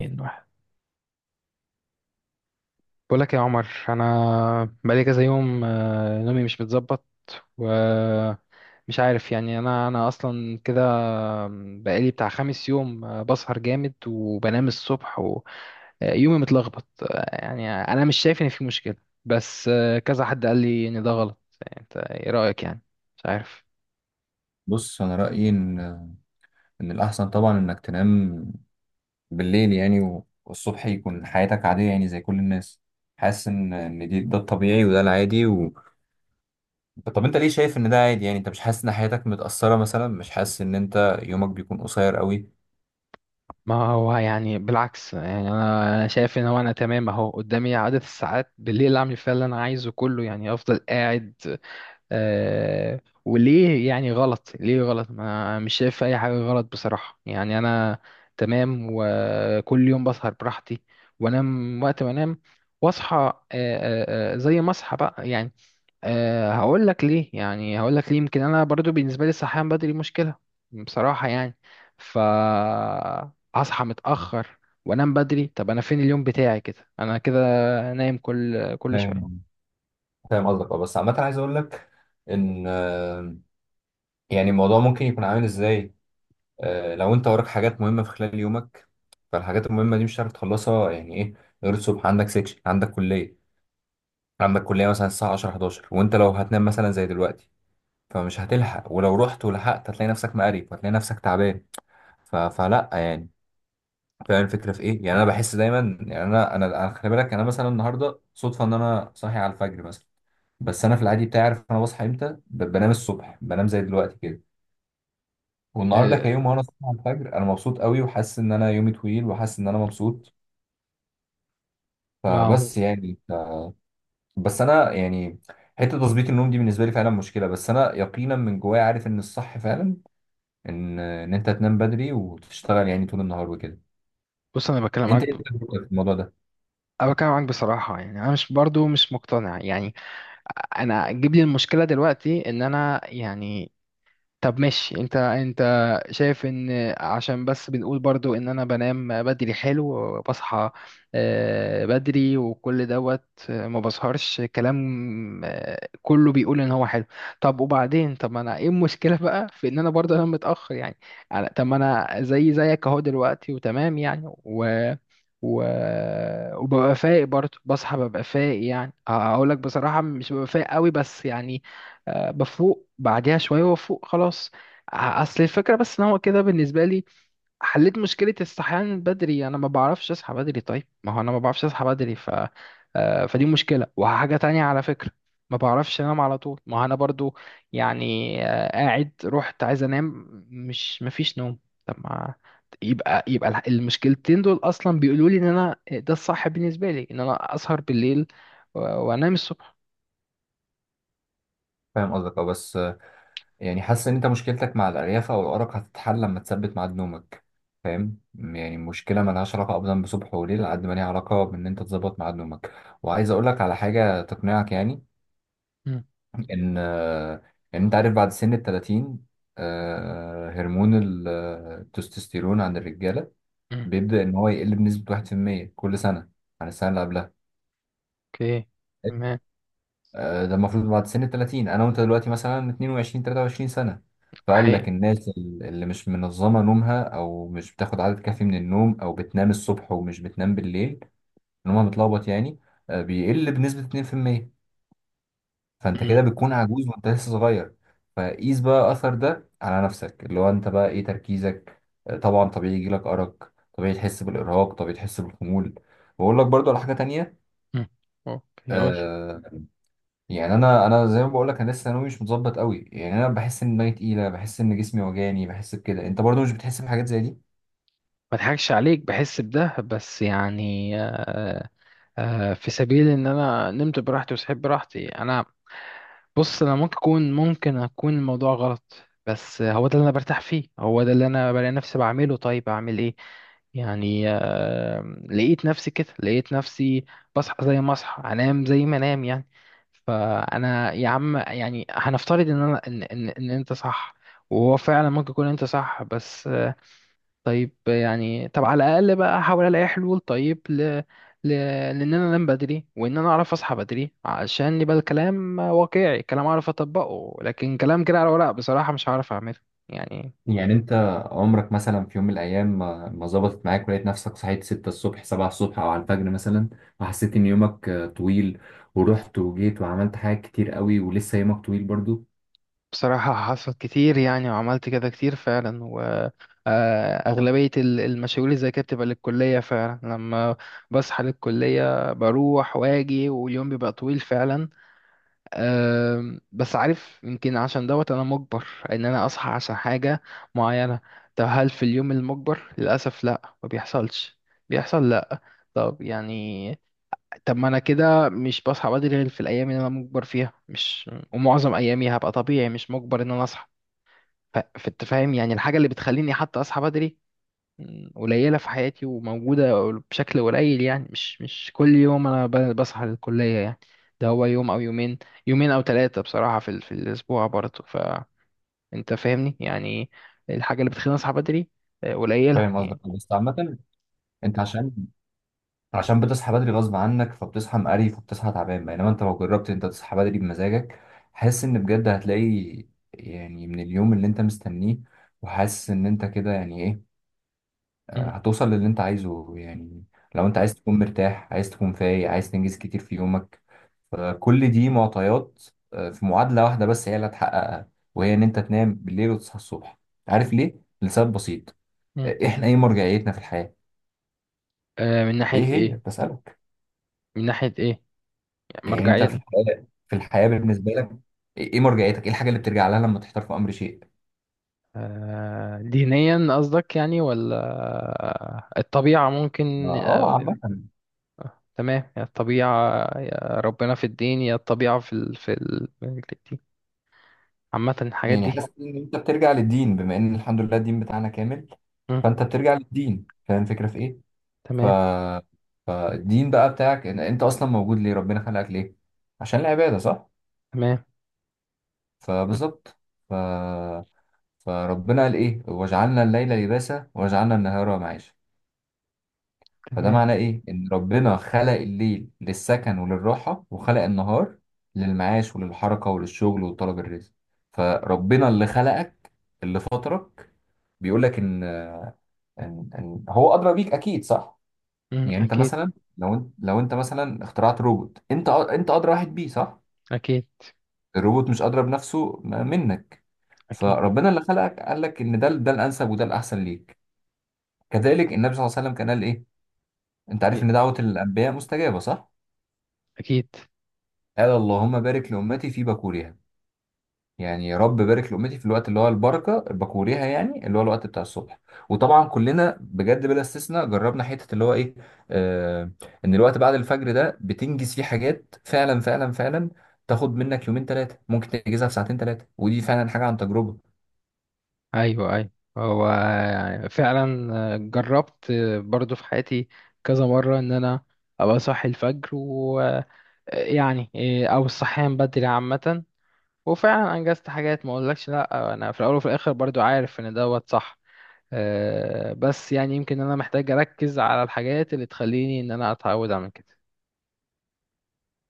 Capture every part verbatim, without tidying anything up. اتنين واحد. بقول لك يا عمر، انا بقالي كذا يوم، آه، نومي مش متظبط. ومش عارف يعني انا انا اصلا كده. بقالي بتاع خمس يوم، آه، بسهر جامد وبنام الصبح. ويومي متلخبط، آه، يعني انا مش شايف ان في مشكلة. بس آه، كذا حد قال لي ان ده غلط. يعني انت ايه رأيك يعني؟ مش عارف. بص، انا رايي ان ان الاحسن طبعا انك تنام بالليل، يعني و- والصبح يكون حياتك عاديه يعني زي كل الناس. حاسس ان ان دي ده الطبيعي وده العادي و... طب انت ليه شايف ان ده عادي؟ يعني انت مش حاسس ان حياتك متاثره مثلا؟ مش حاسس ان انت يومك بيكون قصير قوي؟ ما هو يعني بالعكس، يعني انا أنا شايف ان هو انا تمام، اهو قدامي عدد الساعات بالليل اعمل فيها اللي انا عايزه كله، يعني افضل قاعد. آه وليه يعني غلط؟ ليه غلط؟ ما مش شايف اي حاجة غلط بصراحة، يعني انا. تمام، وكل يوم بسهر براحتي، وانام وقت ما انام. واصحى آه، آه، آه، زي ما اصحى بقى يعني. أه هقول لك ليه، يعني هقول لك ليه. يمكن انا برضو بالنسبة لي الصحيان بدري مشكلة بصراحة، يعني ف اصحى متأخر وانام بدري. طب انا فين اليوم بتاعي كده؟ انا كده نايم كل كل شوية. فاهم فاهم قصدك، اه، بس عامه عايز اقول لك ان آه، يعني الموضوع ممكن يكون عامل ازاي. آه، لو انت وراك حاجات مهمه في خلال يومك، فالحاجات المهمه دي مش هتعرف تخلصها، يعني ايه؟ غير الصبح عندك سكشن، عندك كليه عندك كلية مثلا الساعة عشرة حداشر، وانت لو هتنام مثلا زي دلوقتي فمش هتلحق، ولو رحت ولحقت هتلاقي نفسك مقريف وهتلاقي نفسك تعبان. ف... فلا يعني. فاهم الفكرة في ايه؟ يعني انا بحس دايما، يعني انا انا أنا خلي بالك، انا مثلا النهاردة صدفة ان انا صاحي على الفجر مثلا، بس انا في العادي بتاعي عارف انا بصحى امتى، ب- بنام الصبح، بنام زي دلوقتي كده. والنهارده آه، كيوم وانا صاحي على الفجر، انا مبسوط قوي وحاسس ان انا يومي طويل وحاسس ان انا مبسوط. ما هو. فبس يعني بس انا يعني حته تظبيط النوم دي بالنسبه لي فعلا مشكله، بس انا يقينا من جوايا عارف ان الصح فعلا ان ان انت تنام بدري وتشتغل يعني طول النهار وكده. بص، انا بتكلم انت معاك. ايه تجربتك في الموضوع ده؟ أنا بتكلم معاك بصراحة، يعني أنا مش برضو مش مقتنع يعني. أنا أجيب لي المشكلة دلوقتي إن أنا يعني. طب ماشي. انت انت شايف ان عشان بس بنقول برضو ان انا بنام بدري حلو، وبصحى آه، بدري وكل دوت. آه، ما بسهرش، كلام آه، كله بيقول ان هو حلو. طب وبعدين؟ طب ما انا، ايه المشكلة بقى في ان انا برضو انام متأخر يعني؟ على- طب ما انا زي زيك اهو دلوقتي، وتمام يعني و و... وببقى فايق برضه، بصحى ببقى فايق، يعني هقول لك بصراحة مش ببقى فايق قوي بس يعني. آه، بفوق بعديها شوية وافوق خلاص. ع- اصل الفكرة بس ان هو كده بالنسبة لي. حليت مشكلة الصحيان بدري، انا ما بعرفش اصحى بدري. طيب ما هو انا ما بعرفش اصحى بدري، ف آه، فدي مشكلة. وحاجة تانية على فكرة، ما بعرفش انام على طول. ما هو انا برضو يعني آه، قاعد، رحت عايز انام، مش، مفيش نوم. طب ما يبقى، يبقى الح- المشكلتين دول اصلا بيقولوا لي ان انا ده الصح بالنسبة لي، ان انا اسهر بالليل و- وانام الصبح. فاهم قصدك، اه، بس آه، يعني حاسس ان انت مشكلتك مع الارياف او الارق هتتحل لما تثبت ميعاد نومك. فاهم، يعني مشكله مالهاش علاقه ابدا بصبح وليل على قد ما ليها علاقه بان انت تظبط ميعاد نومك. وعايز اقول لك على حاجه تقنعك يعني. مم. ان آه، ان انت عارف بعد سن ال الثلاثين، آه، هرمون ال- آه، التستوستيرون عند الرجاله مم. بيبدا ان هو يقل بنسبه واحد في المية كل سنه عن السنه اللي قبلها. اوكي. تمام. آه، ده المفروض بعد سن ال الثلاثين، انا وانت دلوقتي مثلا اثنين وعشرين ثلاثة وعشرين سنه، فقال حقيقي. لك الناس ال- اللي مش منظمه نومها، او مش بتاخد عدد كافي من النوم، او بتنام الصبح ومش بتنام بالليل، نومها متلخبط يعني، آه، بيقل بنسبه اتنين في المية. فانت كده مم. بتكون عجوز وانت لسه صغير. فقيس بقى اثر ده على نفسك، اللي هو انت بقى ايه تركيزك. آه، طبعا طبيعي يجيلك ارق، طبيعي تحس بالارهاق، طبيعي تحس بالخمول. واقول لك برضو على حاجه تانية. مم. اوكي، قول. آه يعني انا انا زي ما بقول لك، انا لسه ثانوي مش متظبط قوي، يعني انا بحس ان دماغي تقيله، بحس ان جسمي وجعني، بحس بكده. انت برضو مش بتحس بحاجات زي دي؟ ما اضحكش عليك، بحس بده بس يعني، آه، آه، في سبيل ان انا نمت براحتي وصحيت براحتي، انا. بص، انا ممكن اكون ممكن اكون الموضوع غلط. بس هو ده اللي انا برتاح فيه، هو ده اللي انا بلاقي نفسي بعمله. طيب اعمل ايه؟ يعني آه، لقيت نفسي كده، لقيت نفسي بصحى زي ما اصحى، انام زي ما انام يعني. فانا يا عم، يعني هنفترض ان انا ان ان, إن انت صح، وهو فعلا ممكن يكون انت صح. بس آه، طيب يعني. طب على الاقل بقى احاول الاقي حلول. طيب ل... ل... لان انا انام بدري، وان انا اعرف اصحى بدري، عشان يبقى الكلام واقعي، كلام اعرف اطبقه، لكن كلام كده على ورق بصراحة مش هعرف اعمله يعني. يعني انت عمرك مثلا، في يوم من الايام، ما ما ظبطت معاك ولقيت نفسك صحيت ستة الصبح سبعة الصبح او على الفجر مثلا، وحسيت ان يومك آه، طويل، ورحت وجيت وعملت حاجات كتير قوي ولسه يومك طويل برضو؟ بصراحة حصل كتير يعني، وعملت كده كتير فعلا. وأغلبية المشاوير اللي زي كده بتبقى للكلية فعلا، لما بصحى للكلية بروح واجي، واليوم بيبقى طويل فعلا. آم، بس عارف، يمكن عشان دوت أنا مجبر إن أنا أصحى عشان حاجة معينة. طب هل في اليوم المجبر؟ للأسف لأ، ما بيحصلش. بيحصل، لأ. طب يعني. طب ما أنا كده مش بصحى بدري غير في الأيام اللي أنا مجبر فيها، مش، ومعظم أيامي هبقى طبيعي، مش مجبر إن أنا أصحى. ف- فانت فاهم يعني، الحاجة اللي بتخليني حتى أصحى بدري، م، قليلة في حياتي وموجودة بشكل قليل، يعني مش مش كل يوم أنا ب- بصحى للكلية يعني. ده هو يوم أو يومين، يومين أو ثلاثة بصراحة في, ال- في الأسبوع برضه. فأنت فاهمني يعني، الحاجة اللي بتخليني أصحى بدري آه، قليلة فاهم يعني. قصدك، بس عامة انت عشان عشان بتصحى بدري غصب عنك، فبتصحى مقريف وبتصحى تعبان. بينما انت لو جربت انت تصحى بدري بمزاجك، حاسس ان بجد هتلاقي، يعني من اليوم اللي انت مستنيه، وحاسس ان انت كده يعني إيه، مم. هتوصل للي انت عايزه يعني. لو انت عايز تكون مرتاح، عايز تكون فايق، عايز تنجز كتير في يومك، فكل دي معطيات آه، في معادلة واحدة بس هي اللي هتحققها، وهي ان انت تنام بالليل وتصحى الصبح. عارف ليه؟ لسبب بسيط. مم. آه، احنا ايه مرجعيتنا في الحياة؟ آه، من ناحية ايه هي؟ إيه؟ بسألك. من ناحية إيه؟ يعني يعني انت في مرجعيا. الحياة، في الحياة بالنسبة لك ايه إيه مرجعيتك؟ ايه الحاجة اللي بترجع لها لما تحتار في امر شيء؟ آه، دينيا قصدك يعني، ولا الطبيعة ما- ممكن اه، آه، عامة. تمام. يا الطبيعة، يا ربنا في الدين، يا الطبيعة في ال... في ال... دي. عامة الحاجات يعني دي. حاسس ان انت بترجع للدين، بما ان الحمد لله الدين بتاعنا كامل، مم. فانت بترجع للدين. فاهم الفكرة في ايه؟ ف... تمام. فالدين بقى بتاعك ان انت اصلا موجود ليه؟ ربنا خلقك ليه؟ عشان العباده، صح؟ تمام. فبالظبط. ف... فربنا قال ايه؟ وجعلنا الليل لباسا وجعلنا النهار معاشا. فده تمام. معناه ايه؟ ان ربنا خلق الليل للسكن وللراحه، وخلق النهار للمعاش وللحركه وللشغل وطلب الرزق. فربنا اللي خلقك، اللي فطرك، بيقول لك ان ان إن هو ادرى بيك، اكيد صح. مم. يعني انت أكيد. مثلا لو انت لو انت مثلا اخترعت روبوت، انت أ- انت ادرى واحد بيه، صح؟ أكيد. الروبوت مش ادرى بنفسه م- منك. أكيد. فربنا اللي خلقك قال لك ان ده ده الانسب وده الاحسن ليك. كذلك النبي صلى الله عليه وسلم كان قال ايه؟ انت عارف إيه، ان دعوة الانبياء مستجابة، صح؟ أكيد. قال: اللهم بارك لامتي في بكورها. يعني يا رب بارك لأمتي في الوقت اللي هو البركة بكوريها، يعني اللي هو الوقت بتاع الصبح. وطبعا كلنا بجد بلا استثناء جربنا حتة اللي هو إيه. آه إن الوقت بعد الفجر ده بتنجز فيه حاجات، فعلا فعلا فعلا. تاخد منك يومين ثلاثة ممكن تنجزها في ساعتين ثلاثة، ودي فعلا حاجة عن تجربة. أيوه، أيوه. هو فعلا جربت برضو في حياتي كذا مرة إن أنا أبقى صاحي الفجر ويعني، أو الصحيان بدري عامة. وفعلا أنجزت حاجات، ما أقولكش لأ، أنا في الأول وفي الآخر برضو عارف إن دوت صح. آه، بس يعني يمكن انا محتاج اركز على الحاجات اللي تخليني ان انا اتعود اعمل كده.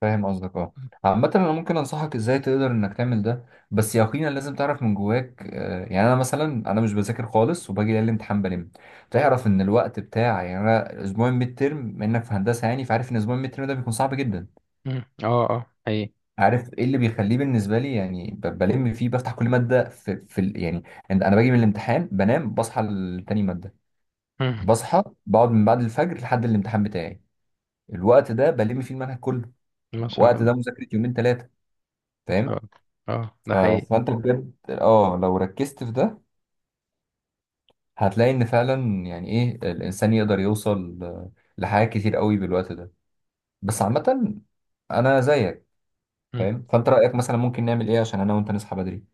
فاهم قصدك، اه. عامة انا ممكن انصحك ازاي تقدر انك تعمل ده، بس يقينا لازم تعرف من جواك. آه، يعني انا مثلا انا مش بذاكر خالص وباجي ليالي الامتحان بلم. تعرف ان الوقت بتاع، يعني انا اسبوع الميد ترم انك في هندسة يعني، فعارف ان اسبوع الميد ترم ده بيكون صعب جدا. مم. اه. اه، حقيقي. عارف ايه اللي بيخليه بالنسبة لي؟ يعني ب- بلم فيه، بفتح كل مادة في, في ال- يعني انا أنا باجي من الامتحان بنام، بصحى لتاني مادة، مم. بصحى بقعد من بعد الفجر لحد الامتحان بتاعي، الوقت ده بلم فيه المنهج كله. ما شاء الوقت الله. ده مذاكرة يومين ثلاثة، ما شاء فاهم؟ الله. اه، ده ف- حقيقي. فانت بالظبط بجد، اه، لو ركزت في ده هتلاقي ان فعلا يعني ايه الانسان يقدر يوصل لحاجات كتير قوي بالوقت ده. بس عامة انا زيك. مم. فاهم؟ فانت رأيك مثلا ممكن نعمل ايه عشان انا وانت نصحى بدري؟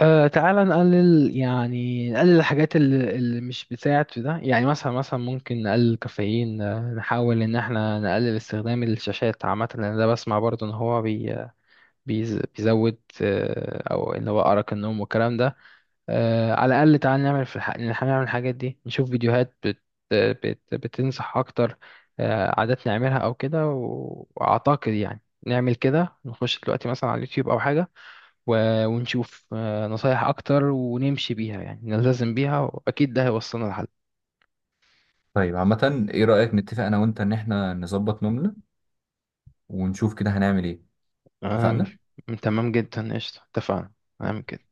آه تعالى نقلل، يعني نقلل الحاجات اللي, اللي مش بتساعد في ده. يعني مثلا، مثلا ممكن نقلل الكافيين، آه، نحاول ان احنا نقلل استخدام الشاشات عامة، لان ده بسمع برضو ان هو بي بيز- بيزود، آه، او ان هو ارق النوم والكلام ده. آه، على الأقل تعال نعمل في الح... إن إحنا نعمل الحاجات دي، نشوف فيديوهات بت... بت... بتنصح أكتر. آه، عادات نعملها أو كده، و- وأعتقد يعني نعمل كده، نخش دلوقتي مثلا على اليوتيوب أو حاجة و... ونشوف آه، نصايح أكتر ونمشي بيها، يعني نلتزم بيها، وأكيد ده هيوصلنا لحل. طيب عامة ايه رأيك نتفق انا وانت ان احنا نظبط نومنا، ونشوف كده هنعمل ايه؟ تمام. اتفقنا؟ تمام جدا، قشطة. اتفقنا، نعمل كده.